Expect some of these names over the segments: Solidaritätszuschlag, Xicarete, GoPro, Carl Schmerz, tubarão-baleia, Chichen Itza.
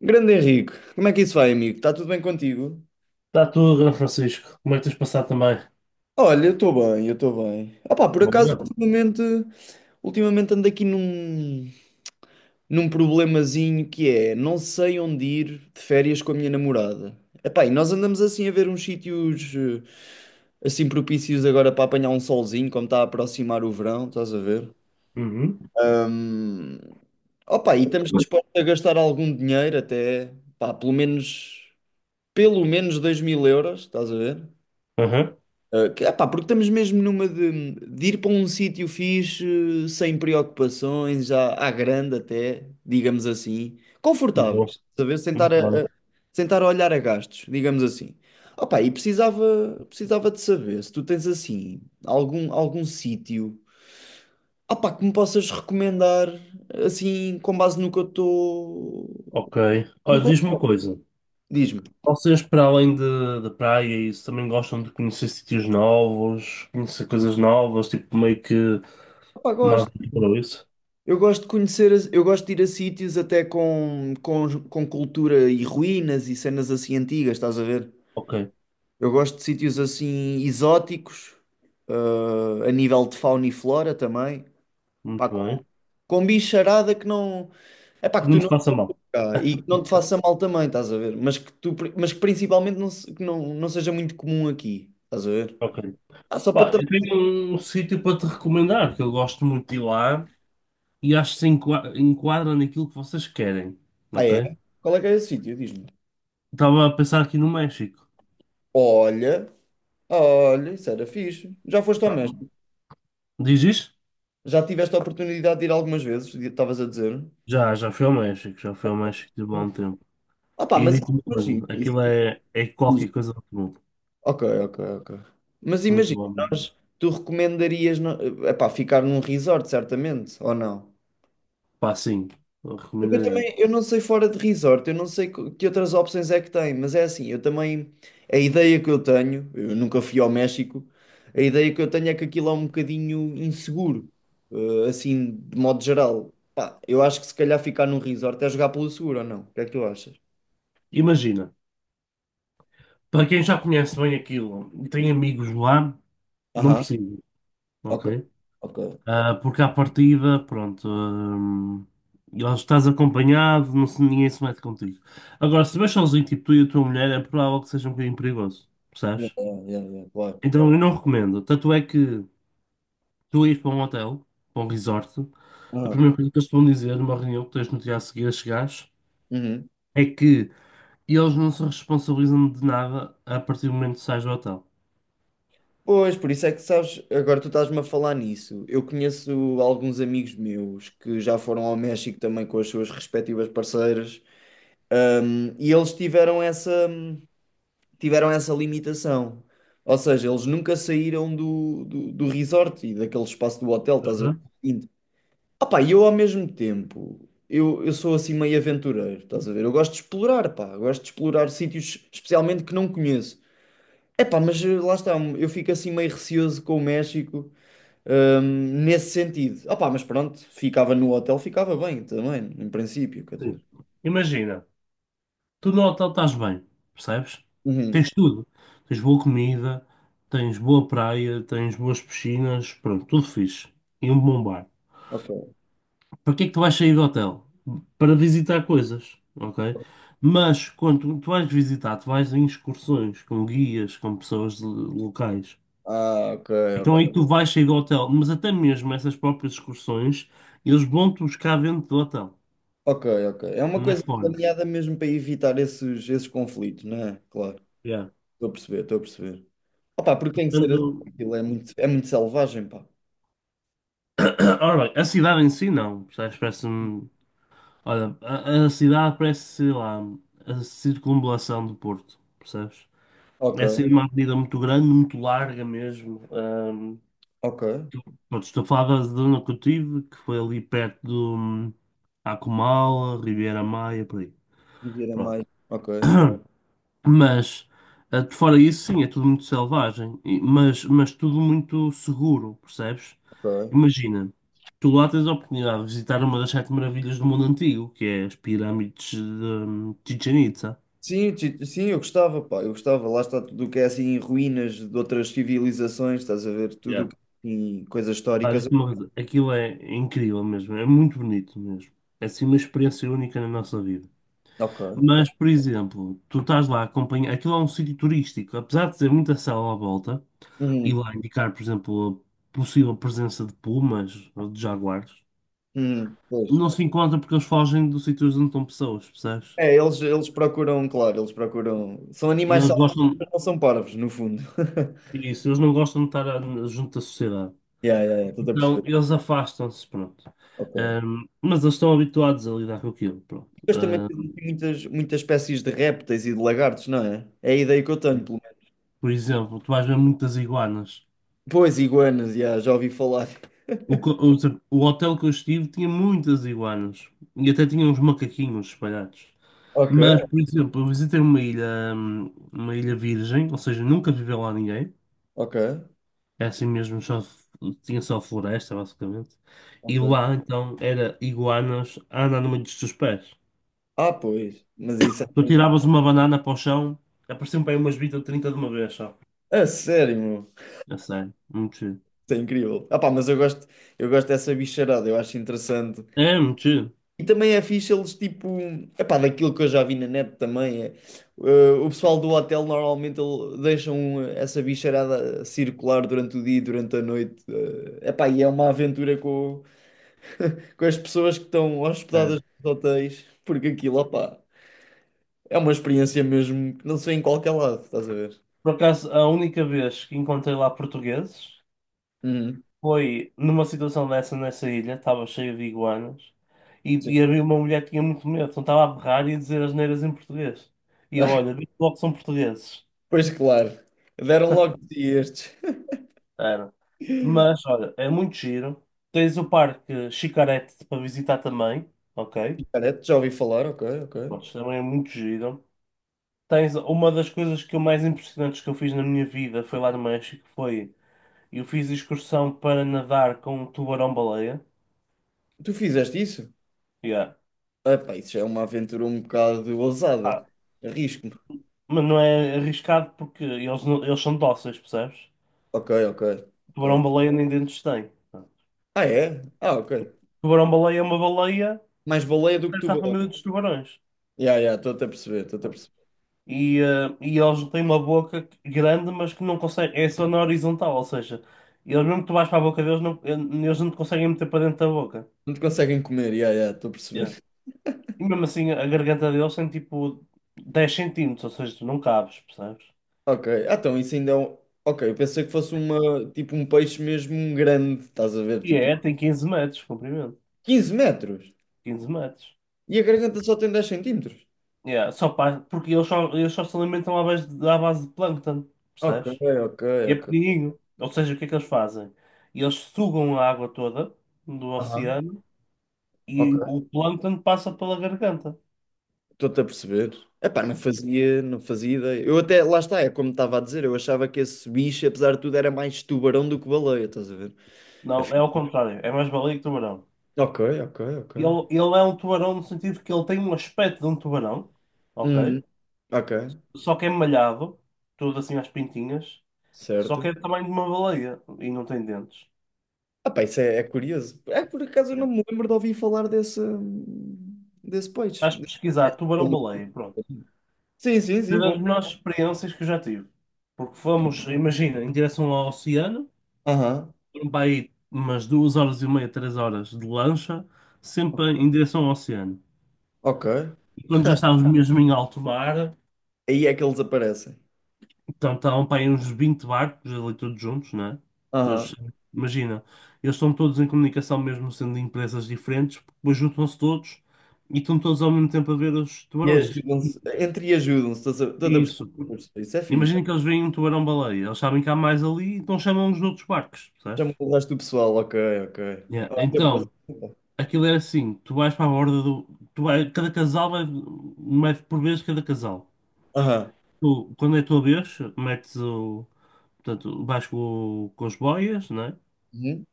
Grande Henrique, como é que isso vai, amigo? Está tudo bem contigo? Está tudo, Grande Francisco. Como é que tens passado também? Olha, eu estou bem, eu estou bem. Ah pá, por acaso, Bem. ultimamente ando aqui num problemazinho que é, não sei onde ir de férias com a minha namorada. Epá, e nós andamos assim a ver uns sítios assim propícios agora para apanhar um solzinho, como está a aproximar o verão, estás a ver? Uhum. Hum, opá, e estamos dispostos a gastar algum dinheiro até, pá, pelo menos, €2000, estás a ver? Uhum. Epá, porque estamos mesmo numa de ir para um sítio fixe, sem preocupações, já à grande até, digamos assim, Bom, confortáveis, saber muito bem. sentar a olhar a gastos, digamos assim. Opa, e precisava de saber se tu tens assim algum sítio, opá, que me possas recomendar assim com base no que eu estou. Ok. Olha, diz-me uma coisa. Diz-me, Vocês, para além de praia, e isso também gostam de conhecer sítios novos, conhecer coisas novas, tipo meio que opá, uma gosto. aventura, ou isso? Eu gosto de conhecer, eu gosto de ir a sítios até com, cultura e ruínas e cenas assim antigas, estás a ver? Ok, Eu gosto de sítios assim exóticos, a nível de fauna e flora também, pá, muito com, bem. com bicharada que não, é pá, E que não tu te não faça mal. cá e que não te faça mal também, estás a ver? Mas que tu, pri- mas que principalmente não, que não seja muito comum aqui, estás a ver? Ok. Ah, só para Pá, eu também. tenho um sítio para te recomendar, que eu gosto muito de ir lá e acho que se enquadra naquilo que vocês querem. Ah, Ok? é? Qual é que é esse sítio? Diz-me. Estava a pensar aqui no México. Olha, olha, isso era fixe. Já foste ao Pá, mesmo? diz isto? Já tiveste a oportunidade de ir algumas vezes, estavas a dizer? Já fui ao México, já fui ao México de bom tempo. Ah pá, E mas digo-te uma imagina, coisa, isso. aquilo é qualquer coisa muito bom. Ok, ok, ok. Mas Muito imagina, bom. Tu recomendarias, epá, ficar num resort, certamente, ou não? Pá, sim, eu Porque eu recomendaria. também, eu não sei fora de resort, eu não sei que outras opções é que tem, mas é assim, eu também, a ideia que eu tenho, eu nunca fui ao México, a ideia que eu tenho é que aquilo é um bocadinho inseguro, assim, de modo geral. Pá, eu acho que se calhar ficar num resort é jogar pelo seguro, ou não? O que é que tu achas? Imagina, para quem já conhece bem aquilo e tem amigos lá, não Aham, precisa, ok, ok? ok. Ah, porque à partida, pronto, eles estás acompanhado, não, ninguém se mete contigo. Agora, se vais sozinho, tipo tu e a tua mulher, é provável que seja um bocadinho perigoso, Yeah, percebes? yeah, yeah, yeah, claro. Então eu não recomendo. Tanto é que tu ires para um hotel, para um resort, a Aham, primeira coisa que eles te vão dizer numa reunião que tens no dia a seguir a chegares uhum. é que eles não se responsabilizam de nada a partir do momento que sais do hotel. Pois, por isso é que sabes, agora tu estás-me a falar nisso. Eu conheço alguns amigos meus que já foram ao México também com as suas respectivas parceiras, e eles tiveram essa limitação. Ou seja, eles nunca saíram do resort e daquele espaço do hotel, estás a Uhum. ver? Opá, e eu ao mesmo tempo, eu sou assim meio aventureiro, estás a ver? Eu gosto de explorar, pá, eu gosto de explorar sítios especialmente que não conheço. É pá, mas lá está, eu fico assim meio receoso com o México, nesse sentido. Ah pá, mas pronto, ficava no hotel, ficava bem também, em princípio, quer Sim. dizer. Imagina, tu no hotel estás bem, percebes? Uhum, Tens tudo. Tens boa comida, tens boa praia, tens boas piscinas, pronto, tudo fixe. E um bom bar. ok. Para que é que tu vais sair do hotel? Para visitar coisas, ok? Mas quando tu vais visitar, tu vais em excursões com guias, com pessoas locais. Ah, ok, Então aí ok. tu vais sair do hotel, mas até mesmo essas próprias excursões, eles vão-te buscar dentro do hotel, Ok, ok. É uma não é coisa fora. planeada mesmo para evitar esses conflitos, não é? Claro, Yeah. estou a perceber, estou a perceber. Opá, porque tem que ser assim, Portanto, aquilo é muito selvagem, pá. ora bem, a cidade em si não, percebes? Parece-me. Olha, a cidade parece, sei lá, a circunvalação do Porto, percebes? Ok, Essa é uma avenida muito grande, muito larga mesmo. Ok. Pronto, estou a falar da zona que eu tive, que foi ali perto do Acumala, Ribeira Maia, por aí. Viver a Pronto. mais. Ok, Mas, de fora isso, sim, é tudo muito selvagem, mas tudo muito seguro, percebes? ok. Imagina, tu lá tens a oportunidade de visitar uma das sete maravilhas do mundo antigo, que é as pirâmides de Chichen Itza. Sim, eu gostava, pá, eu gostava. Lá está tudo o que é assim, ruínas de outras civilizações, estás a ver? Tudo Yeah. o que tem coisas Pá, históricas. digo-te aquilo é incrível mesmo, é muito bonito mesmo. É assim uma experiência única na nossa vida. Ok, Mas, ok. por exemplo, tu estás lá a acompanhar. Aquilo é um sítio turístico, apesar de ter muita selva à volta, e Uhum, lá indicar, por exemplo, a possível presença de pumas ou de jaguares, uhum, pois. não se encontra porque eles fogem dos sítios onde estão pessoas, percebes? É, eles procuram, claro, eles procuram. São E animais eles selvagens, gostam. não são parvos, no fundo. Isso, eles não gostam de estar junto da sociedade. Yeah, yeah, yeah, estou a Então, perceber. eles afastam-se, pronto. Ok. Mas eles estão habituados a lidar com aquilo, pronto. Mas também existem muitas, muitas espécies de répteis e de lagartos, não é? É a ideia que eu tenho, pelo menos. Por exemplo, tu vais ver muitas iguanas. Pois, iguanas, yeah, já ouvi falar. O, co- o, o hotel que eu estive tinha muitas iguanas e até tinha uns macaquinhos espalhados. Ok, Mas, por exemplo, eu visitei uma ilha virgem, ou seja, nunca viveu lá ninguém. ok. É assim mesmo, só, tinha só floresta, basicamente. E Ok. lá, então, era iguanas a andar no meio dos teus pés. Ah, pois. Mas isso é Tu mesmo. tiravas uma banana para o chão, apareciam para aí umas 20 ou 30 de uma vez só. A sério, meu. É sério, muito chido. Isso é incrível. Ah, pá, mas eu gosto dessa bicharada, eu acho interessante. É, muito chido. E também é fixe eles, tipo, é pá, daquilo que eu já vi na net também. É, o pessoal do hotel normalmente deixam essa bicharada circular durante o dia e durante a noite. É pá, e é uma aventura com, com as pessoas que estão hospedadas É. nos hotéis, porque aquilo, opá, é uma experiência mesmo que não se vê em qualquer lado, estás a ver? Por acaso, a única vez que encontrei lá portugueses. Uhum. Foi numa situação dessa nessa ilha, estava cheia de iguanas, e, Sim. e havia uma mulher que tinha muito medo, então estava a berrar e a dizer asneiras em português. E eu, olha, vi logo que são portugueses. Pois claro, deram logo de si estes. Era. Mas, olha, é muito giro. Tens o Parque Xicarete para visitar também, ok? Cara, já ouvi falar, ok, ok. Mas também é muito giro. Tens uma das coisas que eu mais impressionantes que eu fiz na minha vida foi lá no México, foi eu fiz excursão para nadar com um tubarão-baleia. Tu fizeste isso? Yeah. Epá, isso é uma aventura um bocado ousada. Ah, Arrisco-me. mas não é arriscado porque eles, não- eles são dóceis, percebes? Ok, ok, ok. Tubarão-baleia nem dentes tem. Ah, é? Ah, ok. Tubarão-baleia é uma baleia, Mais baleia do que pertence à família tubarão. dos tubarões. Ya, ya, estou-te a perceber, estou-te a perceber. E eles têm uma boca grande, mas que não conseguem. É só na horizontal, ou seja, eles mesmo que tu vais para a boca deles, não, eles não te conseguem meter para dentro da boca. Não te conseguem comer, ya, ya, estou a Yeah. perceber. E mesmo assim, a garganta deles tem tipo 10 centímetros, ou seja, tu não cabes, percebes? Ok, ah, então isso ainda é um... Ok, eu pensei que fosse uma, tipo um peixe mesmo grande, estás a ver, tipo Tem 15 metros de comprimento. 15 metros. 15 metros. E a garganta só tem 10 centímetros. Yeah, porque eles só se alimentam à base de plâncton, Ok, percebes? ok, E é ok. pequenininho. Ou seja, o que é que eles fazem? Eles sugam a água toda do Aham. oceano e Ok. o plâncton passa pela garganta. Estou-te a perceber. Epá, não fazia ideia. Eu até, lá está, é como estava a dizer, eu achava que esse bicho, apesar de tudo, era mais tubarão do que baleia, estás a ver? Não, é Afim- ao contrário. É mais baleia que tubarão. Ok, ok, ok. Ele é um tubarão no sentido que ele tem um aspecto de um tubarão, Uhum. ok? Ok, Só que é malhado, tudo assim às pintinhas. Só que é certo. do tamanho de uma baleia e não tem dentes. Ah pá, isso é curioso. É, por acaso eu Yeah. não me lembro de ouvir falar desse peixe. Vais pesquisar tubarão-baleia, pronto. Sim, sim, Foi sim, das vou. melhores experiências que eu já tive. Porque fomos, imagina, em direção ao oceano, Aham, foram para aí umas 2 horas e meia, 3 horas de lancha, sempre em direção ao oceano. ok. E quando já estávamos mesmo em alto mar, Aí é que eles aparecem. então estavam para aí uns 20 barcos ali todos juntos, né? Que Aham. eles, imagina, eles estão todos em comunicação, mesmo sendo de empresas diferentes, depois juntam-se todos e estão todos ao mesmo tempo a ver os E tubarões. ajudam-se, entre e ajudam-se, estás a perceber? Isso. Isso é fixe. Imagina que eles veem um tubarão-baleia, eles sabem que há mais ali, então chamam os outros barcos, Já me percebes? mudaste do pessoal, ok, ok. Yeah, Ah, então, depois- aquilo era assim, tu vais para a borda do. Tu vai, cada casal vai, mete por vez cada casal. Aham. Tu, quando é a tua vez, metes o. Portanto, vais com as boias, né? Uhum.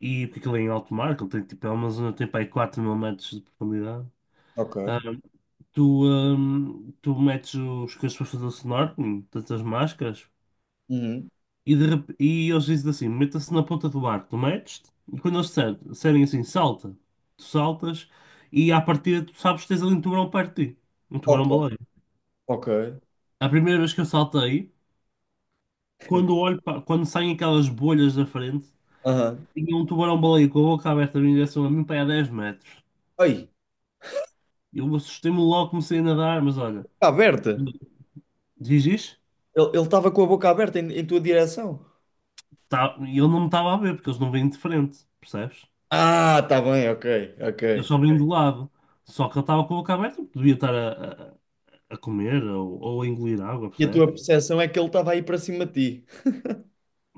E porque aquilo é em alto mar, aquilo tem tipo, é uma zona que tem para aí 4 mil metros de profundidade. Ah, Ok. tu, ah, tu metes os coisas para fazer o snorkeling, portanto as máscaras, Uhum. E eles dizem assim: meta-se na ponta do barco, tu metes-te, e quando eles disserem assim, salta, tu saltas, e à partida tu sabes que tens ali um tubarão perto de ti, um Ok, tubarão-baleia. ok. A primeira vez que eu saltei, quando saem aquelas bolhas da frente, Aham. tinha um tubarão-baleia com a boca aberta em direção a mim para aí a 10 metros. Aí, Eu assustei-me logo, comecei a nadar, mas olha, está aberta. dizes? Ele estava com a boca aberta em tua direção. Tá, e ele não me estava a ver, porque eles não vêm de frente, percebes? Ah, está bem, ok, ok. Eles só vêm do, ok, lado. Só que ele estava com a boca aberta, porque devia estar a comer ou a engolir água, E a percebes? tua percepção é que ele estava aí para cima de ti.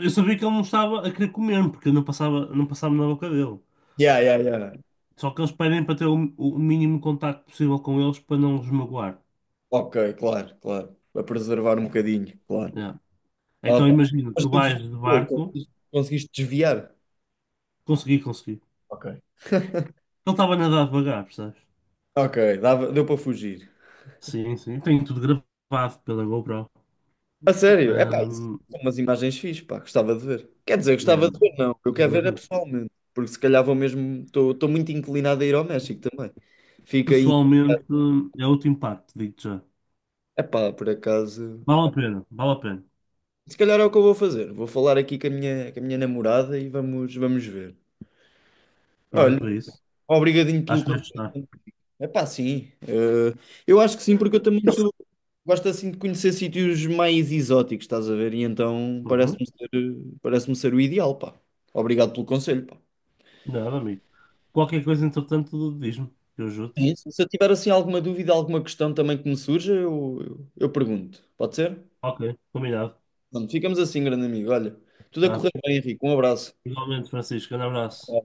Eu sabia que ele não estava a querer comer, porque eu não passava, não passava na boca dele. Yeah, yeah, yeah. Só que eles pedem para ter o mínimo contacto possível com eles para não os magoar. Ok, claro, claro. Para preservar um bocadinho, claro. Yeah. Então Opa. imagina, Mas tu tu vais de desviou, barco, conseguiste desviar. consegui, consegui. Ok. Ele estava a nadar devagar, percebes? Ok, dava, deu para fugir. Sim, sim. Tenho tudo gravado pela GoPro. A sério? É pá, isso Ahm, são umas imagens fixes, pá, gostava de ver. Quer dizer, yeah. gostava de ver, não. Eu quero Gravei ver é tudo. pessoalmente, porque se calhar vou mesmo. Estou muito inclinado a ir ao México também. Fica aí. Pessoalmente, é outro impacto, digo-te já. É pá, por acaso. Vale a pena, vale a pena. Se calhar é o que eu vou fazer. Vou falar aqui com a minha namorada e vamos, vamos ver. Olha, Pronto, é isso. obrigadinho pelo Acho que vais gostar. conselho. É pá, sim. Eu acho que sim, porque eu também sou. Gosto assim de conhecer sítios mais exóticos, estás a ver? E então Uhum. parece-me ser o ideal, pá. Obrigado pelo conselho, pá. Nada, amigo. Qualquer coisa, entretanto, diz-me, que eu ajudo. É isso. Se eu tiver assim alguma dúvida, alguma questão também que me surja, eu pergunto. Pode ser? Ok, combinado. Pronto, ficamos assim, grande amigo. Olha, tudo a Tá. correr bem, Henrique. Um abraço. Igualmente, Francisco, um abraço.